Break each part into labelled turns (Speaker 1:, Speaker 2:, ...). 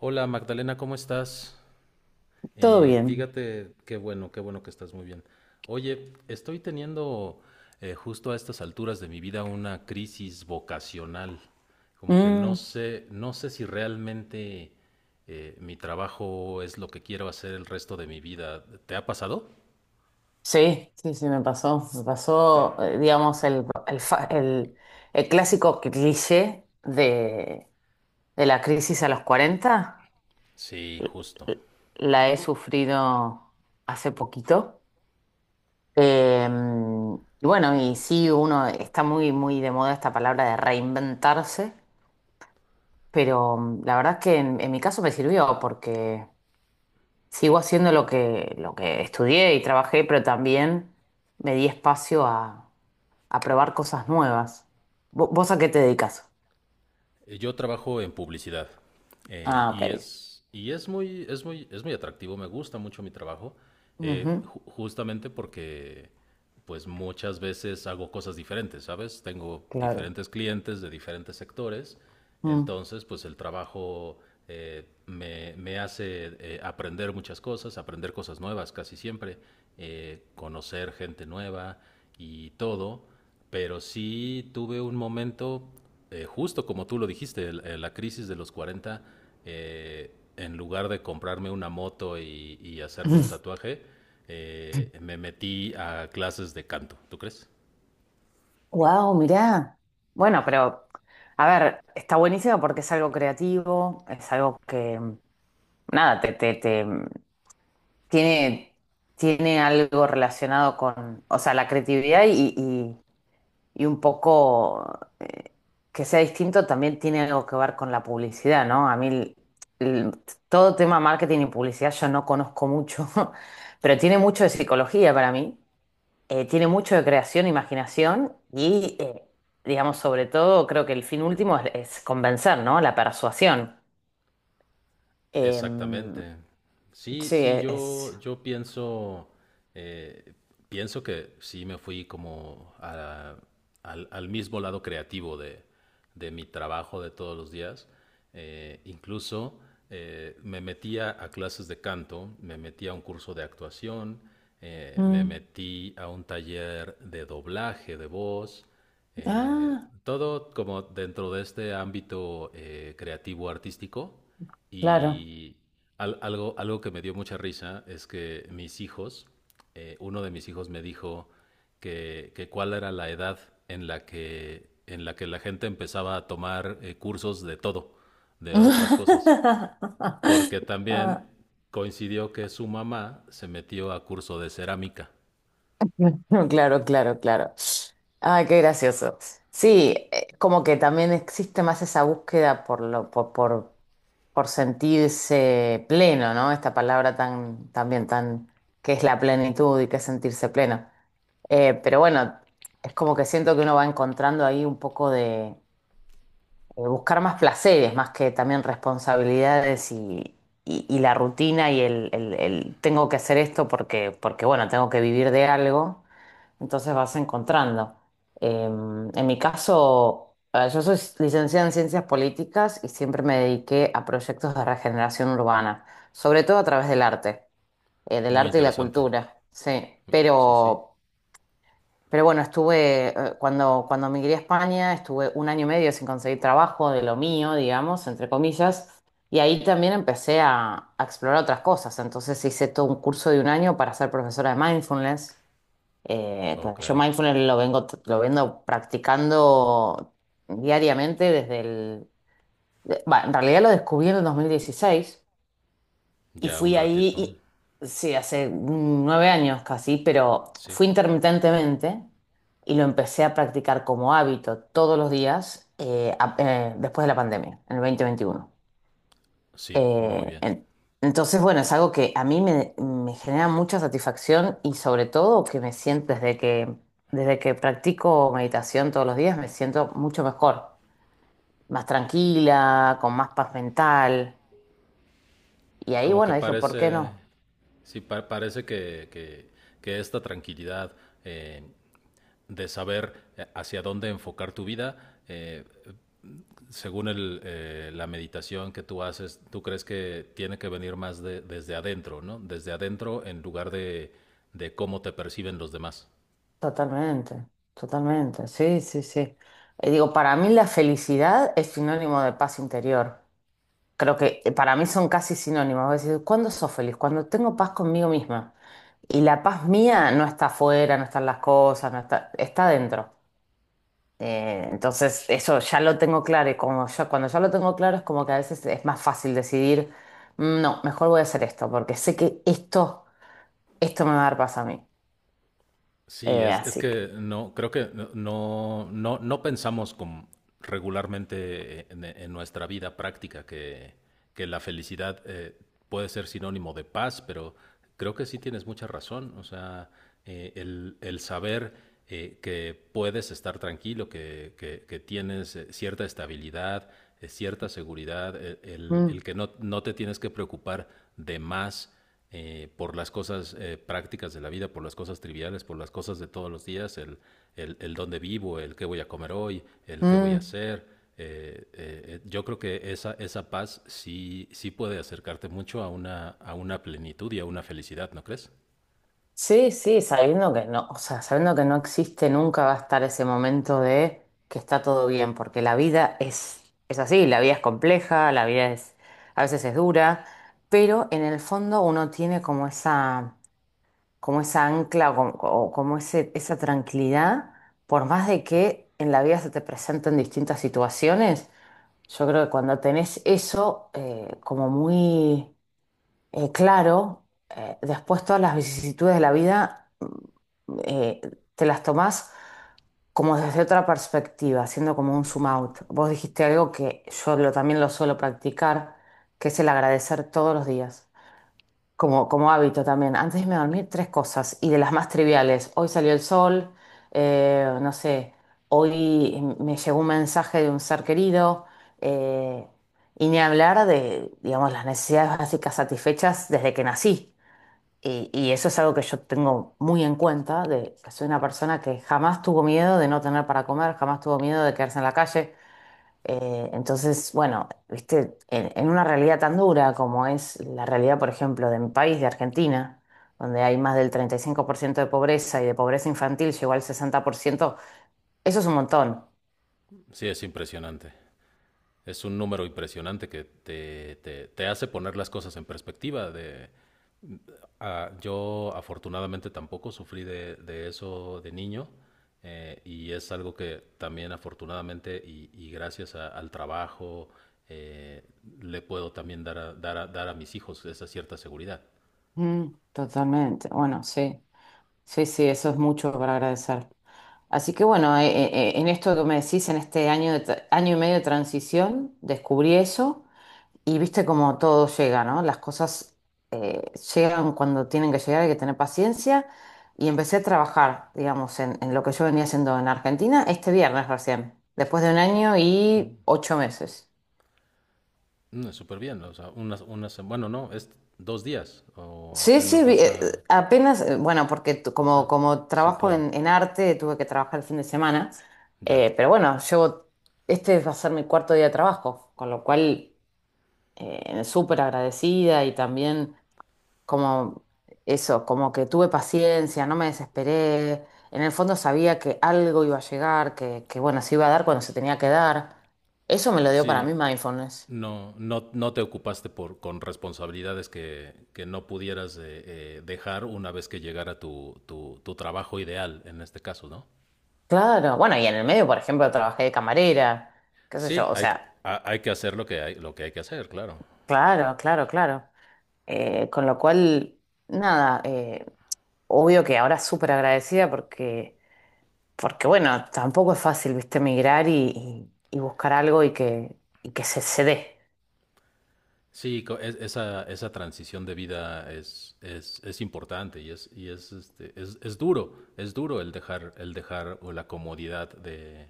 Speaker 1: Hola, Magdalena, ¿cómo estás?
Speaker 2: Todo
Speaker 1: Eh,
Speaker 2: bien.
Speaker 1: fíjate, qué bueno que estás muy bien. Oye, estoy teniendo justo a estas alturas de mi vida una crisis vocacional, como que no
Speaker 2: Mm.
Speaker 1: sé, no sé si realmente mi trabajo es lo que quiero hacer el resto de mi vida. ¿Te ha pasado?
Speaker 2: Sí, sí, sí, me pasó. Me pasó, digamos, el clásico cliché de la crisis a los 40.
Speaker 1: Sí, justo.
Speaker 2: La he sufrido hace poquito. Eh, y bueno, y sí, uno está muy, muy de moda esta palabra de reinventarse, pero la verdad es que en mi caso me sirvió porque sigo haciendo lo que estudié y trabajé, pero también me di espacio a probar cosas nuevas. ¿Vos, a qué te dedicas?
Speaker 1: Yo trabajo en publicidad,
Speaker 2: Ah, ok.
Speaker 1: y es muy, es muy, es muy atractivo, me gusta mucho mi trabajo,
Speaker 2: Ujú.
Speaker 1: justamente porque pues muchas veces hago cosas diferentes, ¿sabes? Tengo
Speaker 2: Claro.
Speaker 1: diferentes clientes de diferentes sectores,
Speaker 2: Mm.
Speaker 1: entonces pues el trabajo me, me hace aprender muchas cosas, aprender cosas nuevas casi siempre, conocer gente nueva y todo, pero sí tuve un momento, justo como tú lo dijiste, la crisis de los 40. Eh, en lugar de comprarme una moto y hacerme un tatuaje, me metí a clases de canto, ¿tú crees?
Speaker 2: Wow, mirá. Bueno, pero a ver, está buenísimo porque es algo creativo, es algo que, nada, tiene, tiene algo relacionado con, o sea, la creatividad y un poco que sea distinto también tiene algo que ver con la publicidad, ¿no? A mí el- todo tema marketing y publicidad yo no conozco mucho. Pero tiene mucho de psicología para mí, tiene mucho de creación, imaginación y, digamos, sobre todo creo que el fin último es convencer, ¿no? La persuasión. Em,
Speaker 1: Exactamente. Sí,
Speaker 2: sí,
Speaker 1: sí,
Speaker 2: es.
Speaker 1: yo pienso, eh, pienso que sí me fui como al, al mismo lado creativo de mi trabajo de todos los días. Incluso me metía a clases de canto, me metí a un curso de actuación, me
Speaker 2: Mm.
Speaker 1: metí a un taller de doblaje de voz, eh,
Speaker 2: Ah,
Speaker 1: todo como dentro de este ámbito creativo artístico,
Speaker 2: claro.
Speaker 1: y algo, algo que me dio mucha risa es que mis hijos, uno de mis hijos me dijo que cuál era la edad en la que la gente empezaba a tomar cursos de todo, de otras cosas, porque
Speaker 2: Ah,
Speaker 1: también coincidió que su mamá se metió a curso de cerámica.
Speaker 2: claro, claro, claro. Ay, qué gracioso. Sí, como que también existe más esa búsqueda por lo, por sentirse pleno, ¿no? Esta palabra tan, también tan, que es la plenitud y que es sentirse pleno. Pero bueno, es como que siento que uno va encontrando ahí un poco de buscar más placeres, más que también responsabilidades y la rutina y el tengo que hacer esto porque bueno, tengo que vivir de algo. Entonces vas encontrando. En mi caso, yo soy licenciada en ciencias políticas y siempre me dediqué a proyectos de regeneración urbana, sobre todo a través del
Speaker 1: Muy
Speaker 2: arte y la
Speaker 1: interesante.
Speaker 2: cultura, sí.
Speaker 1: Sí, sí.
Speaker 2: Pero bueno, estuve, cuando migré a España, estuve un año y medio sin conseguir trabajo de lo mío, digamos, entre comillas, y ahí también empecé a explorar otras cosas. Entonces hice todo un curso de un año para ser profesora de mindfulness.
Speaker 1: Ok.
Speaker 2: Yo mindfulness lo vengo practicando diariamente va, en realidad lo descubrí en el 2016 y
Speaker 1: Ya un
Speaker 2: fui
Speaker 1: ratito.
Speaker 2: ahí, sí, hace 9 años casi, pero
Speaker 1: Sí,
Speaker 2: fui intermitentemente y lo empecé a practicar como hábito todos los días después de la pandemia, en el 2021
Speaker 1: sí, muy
Speaker 2: eh,
Speaker 1: bien.
Speaker 2: en- entonces, bueno, es algo que a mí me genera mucha satisfacción y sobre todo que me siento desde que practico meditación todos los días, me siento mucho mejor, más tranquila, con más paz mental. Y ahí,
Speaker 1: Como que
Speaker 2: bueno, dije, ¿por qué
Speaker 1: parece,
Speaker 2: no?
Speaker 1: sí, parece que, que esta tranquilidad eh, de saber hacia dónde enfocar tu vida, según el, la meditación que tú haces, tú crees que tiene que venir más desde adentro, ¿no? Desde adentro en lugar de cómo te perciben los demás.
Speaker 2: Totalmente, totalmente, sí, sí, sí. Digo, para mí la felicidad es sinónimo de paz interior. Creo que para mí son casi sinónimos. Vos decís, ¿cuándo sos feliz? Cuando tengo paz conmigo misma. Y la paz mía no está afuera, no están las cosas, no está, está dentro. Entonces, eso ya lo tengo claro. Y como ya, cuando ya lo tengo claro, es como que a veces es más fácil decidir: "" No, mejor voy a hacer esto, porque sé que esto me va a dar paz a mí".
Speaker 1: Sí, es
Speaker 2: Así que.
Speaker 1: que no, creo que no, no, no no pensamos como regularmente en nuestra vida práctica que la felicidad puede ser sinónimo de paz, pero creo que sí tienes mucha razón. O sea, el saber que puedes estar tranquilo, que tienes cierta estabilidad, cierta seguridad, el
Speaker 2: Mm,
Speaker 1: que no, no te tienes que preocupar de más, por las cosas prácticas de la vida, por las cosas triviales, por las cosas de todos los días, el dónde vivo, el qué voy a comer hoy, el qué voy a
Speaker 2: mm.
Speaker 1: hacer. Yo creo que esa paz sí, sí puede acercarte mucho a una plenitud y a una felicidad, ¿no crees?
Speaker 2: Sí, sí, sabiendo que no, o sea, sabiendo que no existe, nunca va a estar ese momento de que está todo bien, porque la vida es así, la vida es compleja, la vida es, a veces es dura, pero en el fondo uno tiene como esa ancla o o como esa tranquilidad, por más de que en la vida se te presenten distintas situaciones, yo creo que cuando tenés eso como muy claro, después todas las vicisitudes de la vida eh, te las tomás como desde otra perspectiva, haciendo como un zoom out. Vos dijiste algo que yo también lo suelo practicar, que es el agradecer todos los días, como hábito también. Antes de irme a dormir, tres cosas, y de las más triviales. Hoy salió el sol, no sé, hoy me llegó un mensaje de un ser querido, eh, y ni hablar de, digamos, las necesidades básicas satisfechas desde que nací. Y eso es algo que yo tengo muy en cuenta, de que soy una persona que jamás tuvo miedo de no tener para comer, jamás tuvo miedo de quedarse en la calle. Entonces, bueno, viste, en una realidad tan dura como es la realidad, por ejemplo, de mi país, de Argentina, donde hay más del 35% de pobreza y de pobreza infantil llegó al 60%. Eso es un montón.
Speaker 1: Sí, es impresionante. Es un número impresionante que te hace poner las cosas en perspectiva de, ah, yo afortunadamente tampoco sufrí de eso de niño, y es algo que también afortunadamente y gracias al trabajo eh, le puedo también dar a, dar a, dar a mis hijos esa cierta seguridad.
Speaker 2: Mm, Totalmente, bueno, sí. Sí, sí, eso es mucho para agradecer. Así que bueno, en esto que me decís, en este año, año y medio de transición, descubrí eso y viste cómo todo llega, ¿no? Las cosas llegan cuando tienen que llegar, hay que tener paciencia y empecé a trabajar, digamos, en lo que yo venía haciendo en Argentina este viernes recién, después de un año y 8 meses.
Speaker 1: Mm, súper bien, o sea, unas, unas, bueno, no, es dos días o
Speaker 2: Sí, sí,
Speaker 1: apenas vas a,
Speaker 2: apenas, bueno, porque
Speaker 1: o sea,
Speaker 2: como
Speaker 1: sí,
Speaker 2: trabajo
Speaker 1: claro,
Speaker 2: en arte, tuve que trabajar el fin de semana,
Speaker 1: ya.
Speaker 2: pero bueno, llevo, este va a ser mi cuarto día de trabajo, con lo cual súper agradecida y también como eso, como que tuve paciencia, no me desesperé, en el fondo sabía que algo iba a llegar, que bueno, se iba a dar cuando se tenía que dar. Eso me lo dio para
Speaker 1: Sí,
Speaker 2: mí mindfulness.
Speaker 1: no, no, no te ocupaste por, con responsabilidades que no pudieras dejar una vez que llegara tu, tu, tu trabajo ideal, en este caso, ¿no?
Speaker 2: Claro, bueno, y en el medio, por ejemplo, trabajé de camarera, qué sé
Speaker 1: Sí,
Speaker 2: yo, o
Speaker 1: hay,
Speaker 2: sea...
Speaker 1: hay que hacer lo que hay que hacer, claro.
Speaker 2: Claro, claro, claro. Con lo cual, nada, obvio que ahora súper agradecida porque, bueno, tampoco es fácil, viste, migrar y buscar algo y que se dé.
Speaker 1: Sí, esa, esa transición de vida es importante y es, este, es duro el dejar o la comodidad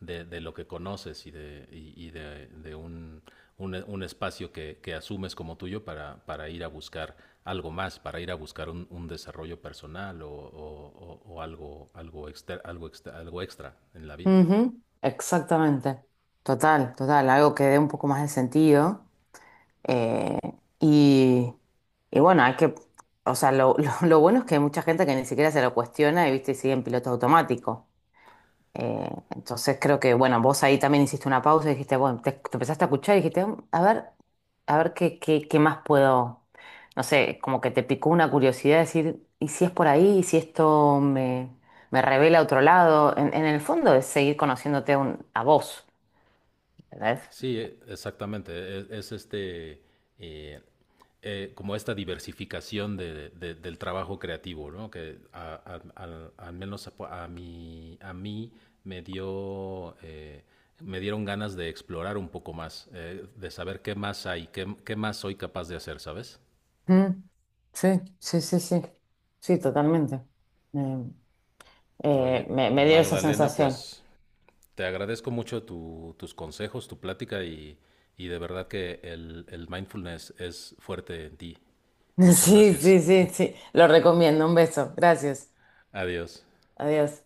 Speaker 1: de lo que conoces y de un espacio que asumes como tuyo para ir a buscar algo más, para ir a buscar un desarrollo personal o, o algo, algo, algo extra en la vida.
Speaker 2: Ujú. Exactamente. Total, total, algo que dé un poco más de sentido. Eh, y, y bueno, hay que, o sea, lo, lo bueno es que hay mucha gente que ni siquiera se lo cuestiona y, viste, sigue en piloto automático. Entonces creo que, bueno, vos ahí también hiciste una pausa y dijiste, bueno, te empezaste a escuchar y dijiste: "" A ver, a ver qué más puedo, no sé, como que te picó una curiosidad de decir, ¿y si es por ahí? ¿Y si esto me revela a otro lado?" En el fondo es seguir conociéndote a vos, ¿entendés?
Speaker 1: Sí, e- exactamente. Es este, eh, como esta diversificación del trabajo creativo, ¿no? Que al, al menos a mí me dio, me dieron ganas de explorar un poco más, de saber qué más hay, qué, qué más soy capaz de hacer, ¿sabes?
Speaker 2: Mm, sí, sí, sí, sí, sí, totalmente. Eh,
Speaker 1: Oye,
Speaker 2: me dio esa
Speaker 1: Magdalena,
Speaker 2: sensación.
Speaker 1: pues te agradezco mucho tus consejos, tu plática y de verdad que el mindfulness es fuerte en ti. Muchas
Speaker 2: Sí,
Speaker 1: gracias.
Speaker 2: sí, sí, sí, lo recomiendo, un beso, gracias,
Speaker 1: Adiós.
Speaker 2: adiós.